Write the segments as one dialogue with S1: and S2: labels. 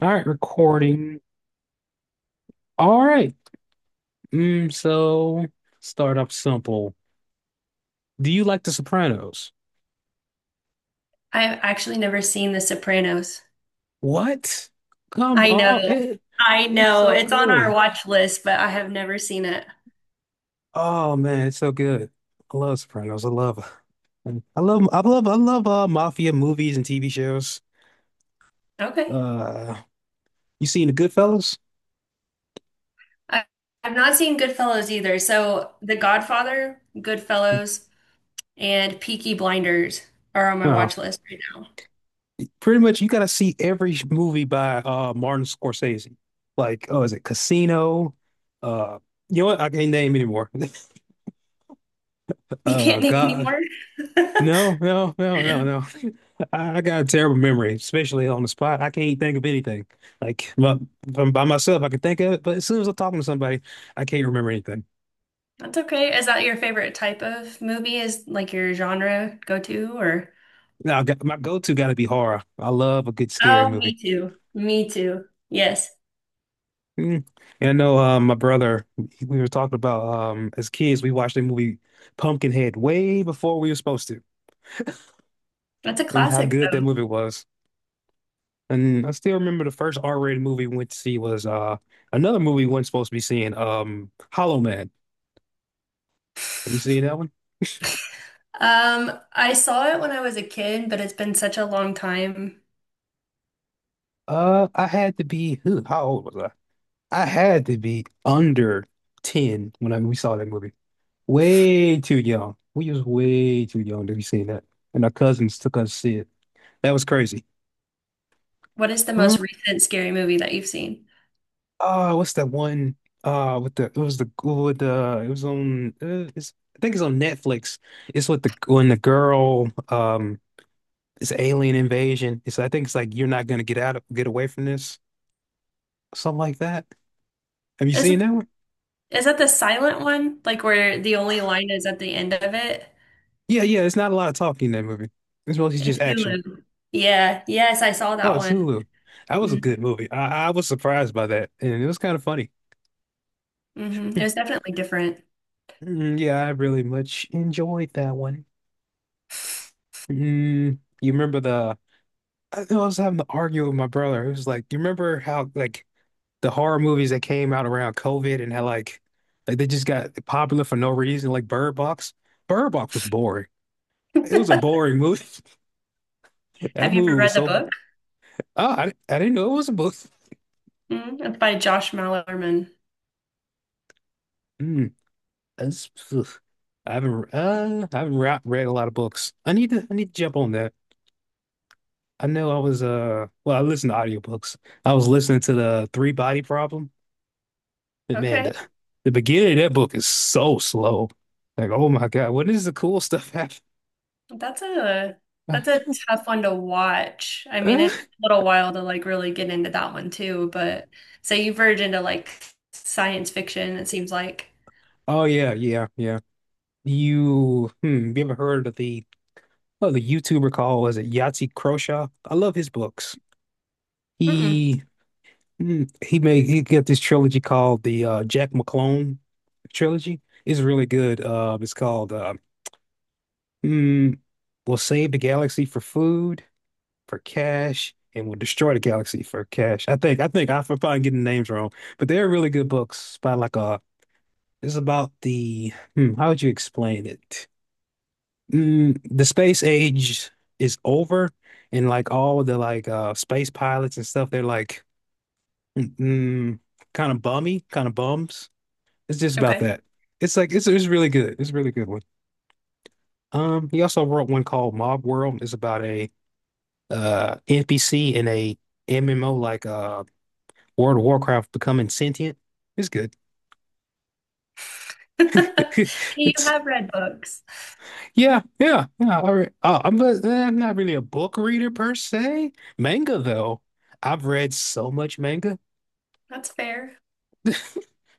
S1: All right, recording. All right. Mm, so Start off simple. Do you like The Sopranos?
S2: I've actually never seen The Sopranos.
S1: What? Come
S2: I
S1: on.
S2: know. I
S1: It's
S2: know.
S1: so
S2: It's on our
S1: good.
S2: watch list, but I have never seen it.
S1: Oh man, it's so good. I love Sopranos. I love I love I love I love mafia movies and TV shows.
S2: Okay.
S1: Uh you seen The Goodfellas?
S2: I, I've not seen Goodfellas either. So The Godfather, Goodfellas, and Peaky Blinders are on my
S1: Oh.
S2: watch list right now.
S1: Pretty much you gotta see every movie by Martin Scorsese. Like, oh, is it Casino? Uh you know what? I can't name anymore.
S2: You can't name any
S1: God,
S2: more?
S1: no, no, no, no, no. I got a terrible memory, especially on the spot. I can't think of anything. Like, but by myself, I can think of it, but as soon as I'm talking to somebody, I can't remember anything.
S2: That's okay. Is that your favorite type of movie? Is like your genre go to or?
S1: Now, my go-to got to be horror. I love a good scary
S2: Oh,
S1: movie.
S2: me too. Me too. Yes.
S1: Mm. And I know my brother, we were talking about as kids, we watched the movie Pumpkinhead way before we were supposed to,
S2: That's a
S1: and how
S2: classic.
S1: good that movie was. And I still remember the first R-rated movie we went to see was another movie we weren't supposed to be seeing, Hollow Man. Have you seen that one?
S2: I saw it when I was a kid, but it's been such a long time.
S1: I had to be, huh, how old was I? I had to be under 10 when we saw that movie. Way too young. We was way too young to be seeing that. And our cousins took us to see it. That was crazy.
S2: What is the
S1: Huh?
S2: most recent scary movie that you've seen?
S1: What's that one? With the it was the with the it was on it's, I think it's on Netflix. It's with the when the girl it's alien invasion. It's like, I think it's like you're not gonna get out of get away from this, something like that. Have you
S2: Is
S1: seen
S2: it
S1: that one?
S2: is that the silent one? Like where the only line is at the end of it?
S1: Yeah, yeah. It's not a lot of talking in that movie. It's mostly just
S2: It's
S1: action.
S2: Hulu. Yeah, yes, I saw
S1: Oh,
S2: that
S1: it's
S2: one.
S1: Hulu. That was a
S2: Mm-hmm.
S1: good movie. I was surprised by that, and it was kind of funny.
S2: Mm-hmm. It was definitely different.
S1: Mm, yeah, I really much enjoyed that one. Mm, you remember the? I think I was having to argue with my brother. It was like, you remember how like the horror movies that came out around COVID and how they just got popular for no reason, like Bird Box. Bird Box was boring. It was a boring movie. That
S2: Have you ever
S1: movie was
S2: read the book?
S1: Oh, I didn't know it was a book.
S2: Mm, it's by Josh Malerman.
S1: Mm, that's, ugh. I haven't read a lot of books. I need to jump on that. I know I was well I listen to audiobooks. I was listening to the Three Body Problem, but
S2: Okay.
S1: the beginning of that book is so slow. Like, oh my God, when is the cool stuff happen?
S2: That's a that's a tough one to watch. I mean, it took a little while to like really get into that one too, but so you verge into like science fiction, it seems like.
S1: Oh yeah, yeah, yeah. You ever heard of the YouTuber called was it Yahtzee Croshaw? I love his books.
S2: Mm-mm.
S1: He mm, he made he got this trilogy called the Jack McClone trilogy. It's really good. It's called mm, "We'll Save the Galaxy for Food, for Cash, and We'll Destroy the Galaxy for Cash." I think I'm probably getting the names wrong, but they're really good books by it's about how would you explain it? Mm, the space age is over, and like all the space pilots and stuff, they're like Mm, kind of bums. It's just about
S2: Okay.
S1: that. It's really good. It's a really good one. He also wrote one called Mob World. It's about a NPC in a MMO like World of Warcraft becoming sentient. It's good.
S2: You
S1: It's
S2: have read books.
S1: Yeah, yeah, yeah. All right. I'm not really a book reader per se. Manga though, I've read so much manga.
S2: That's fair.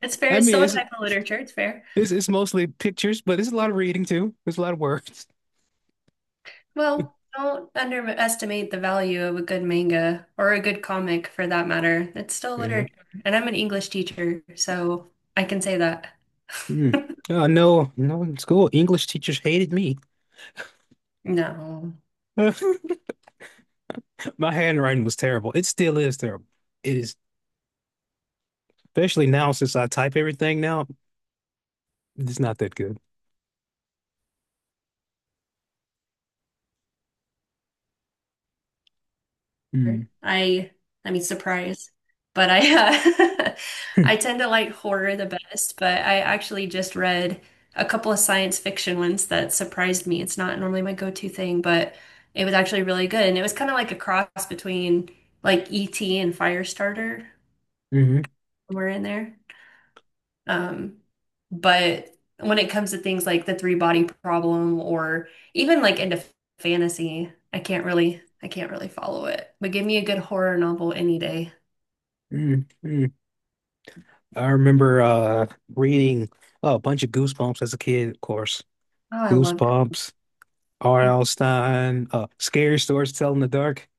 S2: It's fair.
S1: I
S2: It's
S1: mean,
S2: still a type of literature. It's fair.
S1: it's mostly pictures, but it's a lot of reading too. There's a lot of words.
S2: Well, don't underestimate the value of a good manga or a good comic for that matter. It's still
S1: Mhm.
S2: literature. And I'm an English teacher, so I can say that.
S1: Mm. Oh, no, no, in school, English teachers hated me.
S2: No.
S1: My handwriting was terrible. It still is terrible. It is, especially now since I type everything now, it's not that good. Mm.
S2: I I mean surprise, but I I
S1: hmm
S2: tend to like horror the best, but I actually just read a couple of science fiction ones that surprised me. It's not normally my go-to thing, but it was actually really good and it was kind of like a cross between like E.T. and Firestarter
S1: mm
S2: somewhere in there. Um, but when it comes to things like the three-body problem or even like into fantasy, I can't really follow it. But give me a good horror novel any day.
S1: mm I remember reading a bunch of Goosebumps as a kid, of course.
S2: Oh, I love it.
S1: Goosebumps,
S2: Mm.
S1: R.L. Stein, Scary Stories to Tell in the Dark.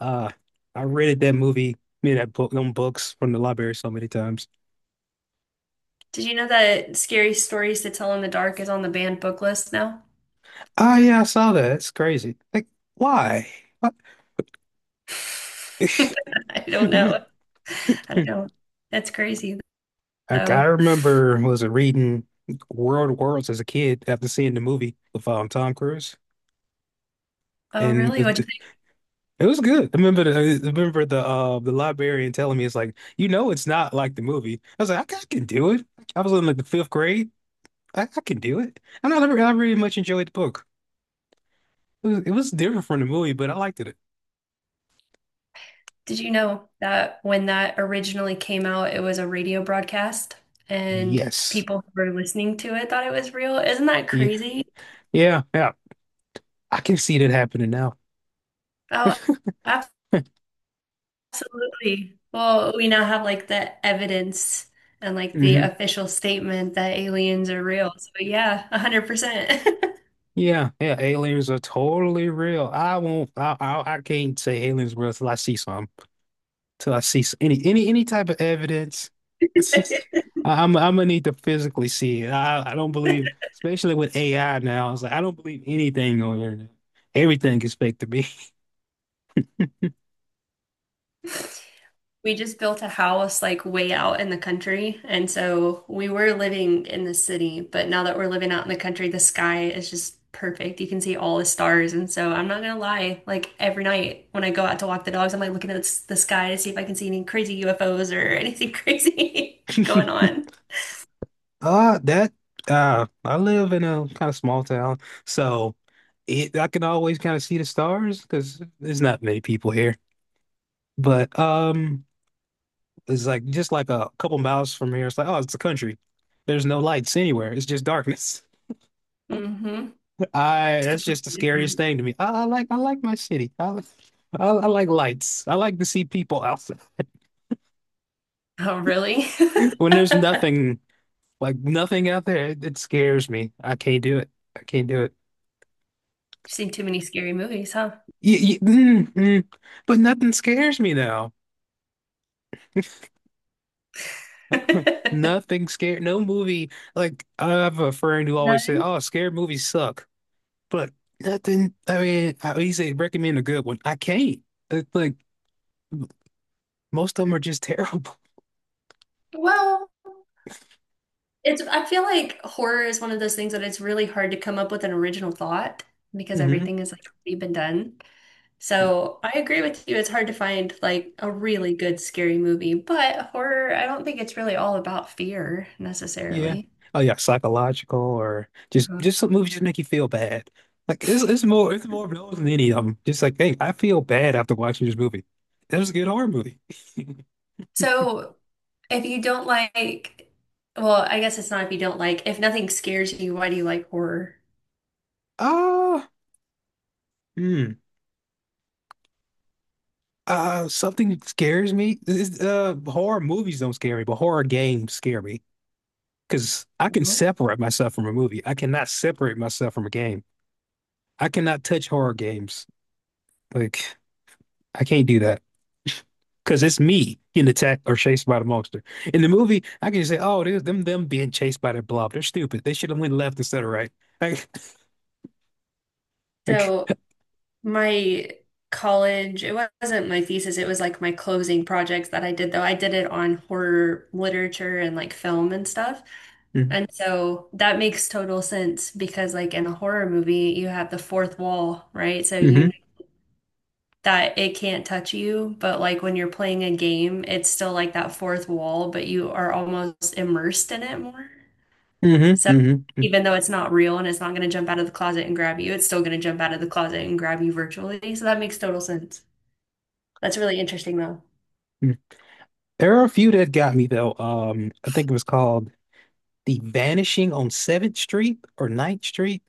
S1: Uh, I rented that movie, I mean, that book, them books from the library so many times.
S2: Did you know that Scary Stories to Tell in the Dark is on the banned book list now?
S1: Oh yeah, I saw that. It's crazy. Like, why? What?
S2: I don't know. I don't know. That's crazy,
S1: Like, I
S2: though.
S1: remember was it reading World of Worlds as a kid after seeing the movie with Tom Cruise,
S2: Oh,
S1: and
S2: really? What
S1: it was good. I remember the librarian telling me it's like you know it's not like the movie. I was like I can do it. I was in like the fifth grade. I can do it. And I never I really much enjoyed the book. It was different from the movie, but I liked it.
S2: did you know that when that originally came out, it was a radio broadcast and
S1: Yes.
S2: people who were listening to it thought it was real? Isn't that
S1: Yeah.
S2: crazy?
S1: Yeah. Yeah. I can see that happening now.
S2: Oh, absolutely. Well, we now have like the evidence and like the
S1: Mm-hmm.
S2: official statement that aliens are real. So yeah, 100%.
S1: Yeah, yeah, aliens are totally real. I won't. I can't say aliens real till I see some. Till I see any type of evidence. It's just, I'm gonna need to physically see it. I don't believe, especially with AI now. It's like I don't believe anything on the internet. Everything is fake to me.
S2: We just built a house like way out in the country. And so we were living in the city, but now that we're living out in the country, the sky is just perfect. You can see all the stars. And so I'm not gonna lie, like every night when I go out to walk the dogs, I'm like looking at the sky to see if I can see any crazy UFOs or anything crazy going on.
S1: That I live in a kind of small town, so it I can always kind of see the stars because there's not many people here. But. It's like just like a couple miles from here. It's like, oh, it's the country. There's no lights anywhere. It's just darkness.
S2: Hmm.
S1: I
S2: It's
S1: that's
S2: completely
S1: just the scariest
S2: different.
S1: thing to me. I like my city. I like lights. I like to see people out
S2: Oh, really? You've
S1: when there's nothing like nothing out there. It scares me. I can't do it. I can't do it.
S2: seen too many scary movies, huh?
S1: Mm. But nothing scares me now. Nothing scared. No movie. Like I have a friend who
S2: No.
S1: always said, "Oh, scared movies suck." But nothing. I mean, I he said recommend a good one. I can't. It's like most of them are just terrible.
S2: Well, it's I feel like horror is one of those things that it's really hard to come up with an original thought because
S1: Hmm
S2: everything is like already been done. So I agree with you. It's hard to find like a really good scary movie, but horror, I don't think it's really all about fear
S1: Yeah.
S2: necessarily.
S1: Oh yeah, psychological or
S2: Mhm.
S1: just some movies just make you feel bad. Like it's more of those than any of them. Just like, hey, I feel bad after watching this movie. That was a good horror movie.
S2: So if you don't like, well, I guess it's not if you don't like, if nothing scares you, why do you like horror?
S1: Ah, hmm. Something scares me. It's, horror movies don't scare me, but horror games scare me because I can separate myself from a movie. I cannot separate myself from a game. I cannot touch horror games. Like I can't do that because it's me getting attacked or chased by the monster. In the movie, I can just say, "Oh, there's them being chased by the blob. They're stupid. They should have went left instead of right."
S2: So
S1: Like,
S2: my college, it wasn't my thesis, it was like my closing projects that I did though. I did it on horror literature and like film and stuff. And
S1: mm-hmm,
S2: so that makes total sense because like in a horror movie, you have the fourth wall, right? So you
S1: mm-hmm,
S2: know that it can't touch you, but like when you're playing a game, it's still like that fourth wall, but you are almost immersed in it more.
S1: mm-hmm,
S2: So
S1: mm-hmm,
S2: even though it's not real and it's not going to jump out of the closet and grab you, it's still going to jump out of the closet and grab you virtually. So that makes total sense. That's really interesting though.
S1: mm-hmm. There are a few that got me though. I think it was called The Vanishing on Seventh Street or Ninth Street.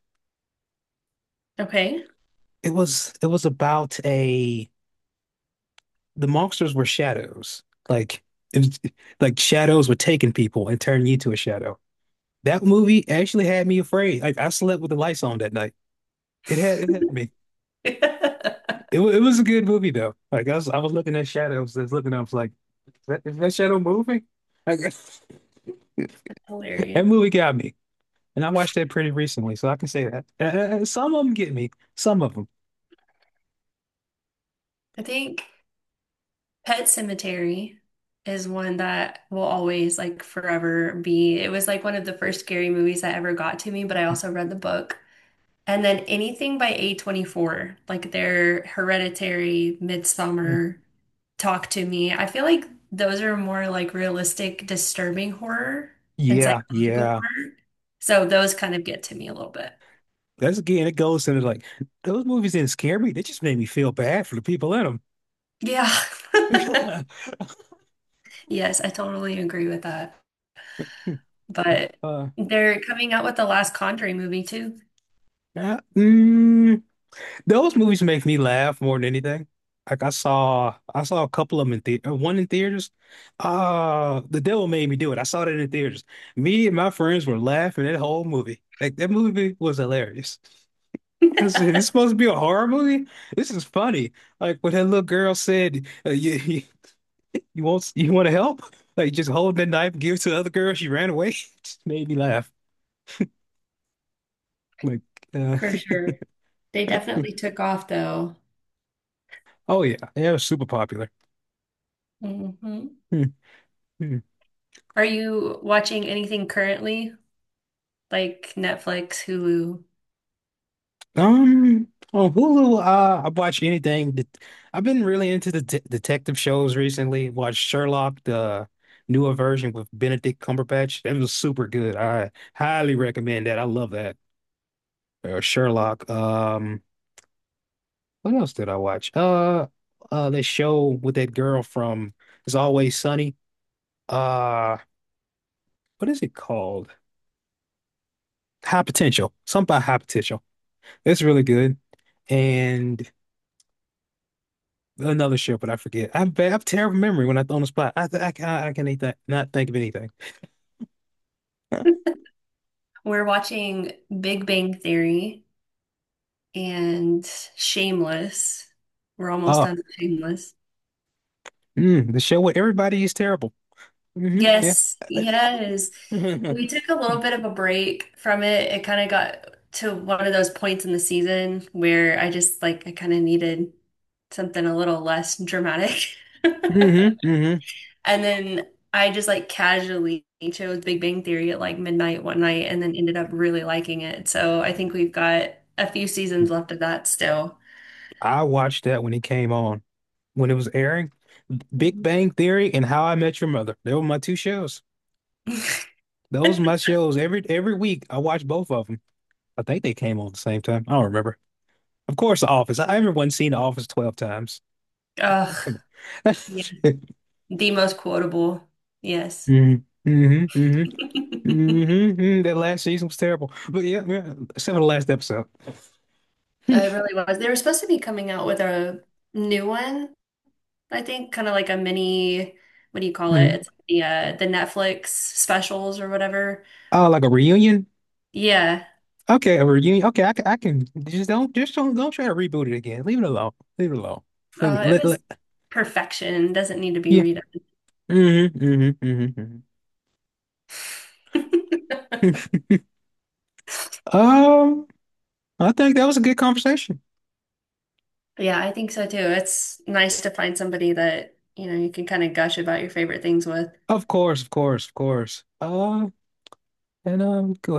S2: Okay.
S1: It was about a the monsters were shadows. Like it was, like shadows were taking people and turning you to a shadow. That movie actually had me afraid. Like I slept with the lights on that night. It had me. It was a good movie though. Like I was looking at shadows. I was looking. I was like, is that shadow moving? Like, that
S2: Hilarious.
S1: movie got me, and I watched that pretty recently, so I can say that. Some of them get me. Some of them.
S2: I think Pet Cemetery is one that will always like forever be. It was like one of the first scary movies that ever got to me, but I also read the book. And then anything by A24, like their Hereditary,
S1: Mm.
S2: Midsummer, Talk to Me. I feel like those are more like realistic, disturbing horror and
S1: Yeah,
S2: psychological
S1: yeah.
S2: horror. So those kind of get to me a little bit.
S1: That's again. It goes into like those movies didn't scare me. They just made me feel bad for the people in them.
S2: Yeah. Yes, I totally agree with that. But
S1: Uh,
S2: they're coming out with the last Conjuring movie too.
S1: uh, mm, Those movies make me laugh more than anything. Like I saw a couple of them in theater. One in theaters. The Devil Made Me Do It. I saw that in theaters. Me and my friends were laughing that whole movie. Like that movie was hilarious. I said, "It's supposed to be a horror movie. This is funny." Like when that little girl said, You, you want to help?" Like just hold that knife, give it to the other girl. She ran away. It just made me laugh. Like, uh,
S2: For sure. They definitely took off though.
S1: oh yeah, yeah, it was super popular.
S2: Hmm. Are you watching anything currently? Like Netflix, Hulu.
S1: On Hulu, I watch anything. I've been really into the de detective shows recently. Watched Sherlock, the newer version with Benedict Cumberbatch. That was super good. I highly recommend that. I love that. Sherlock. What else did I watch? That show with that girl from It's Always Sunny. Uh, what is it called? High Potential. Something about High Potential. It's really good. And another ship, but I forget. I'm bad. I'm terrible memory when I throw on the spot. Can I can eat that. Not think of anything.
S2: We're watching Big Bang Theory and Shameless. We're almost
S1: Huh. Oh,
S2: done with Shameless.
S1: mm, the show with everybody is terrible. Hmm yeah.
S2: Yes, yes.
S1: hmm
S2: We took a little bit of a break from it. It kind of got to one of those points in the season where I just like I kind of needed something a little less dramatic.
S1: hmm
S2: And then I just like casually chose Big Bang Theory at like midnight one night and then ended up really liking it. So I think we've got a few seasons left of that still.
S1: I watched that when it came on, when it was airing. Big
S2: Mhm.
S1: Bang Theory and How I Met Your Mother. They were my two shows. Those were my shows. Every week I watched both of them. I think they came on at the same time. I don't remember. Of course, The Office. I remember one seen The Office 12 times.
S2: Ugh,
S1: Come on.
S2: yeah. The most quotable. Yes.
S1: hmm hmm hmm hmm That last season was terrible. But yeah, yeah, except for the last episode.
S2: It really was. They were supposed to be coming out with a new one, I think, kind of like a mini, what do you call it?
S1: hmm
S2: It's the the Netflix specials or whatever.
S1: Oh, like a reunion?
S2: Yeah.
S1: Okay, a reunion. Okay, I can just don't try to reboot it again. Leave it alone. Leave it alone. Leave it.
S2: It was perfection. Doesn't need to be
S1: Yeah.
S2: redone.
S1: hmm hmm hmm hmm Um, I think that was a good conversation.
S2: Yeah, I think so too. It's nice to find somebody that, you know, you can kind of gush about your favorite things with.
S1: Of course, of course, of course. And go ahead.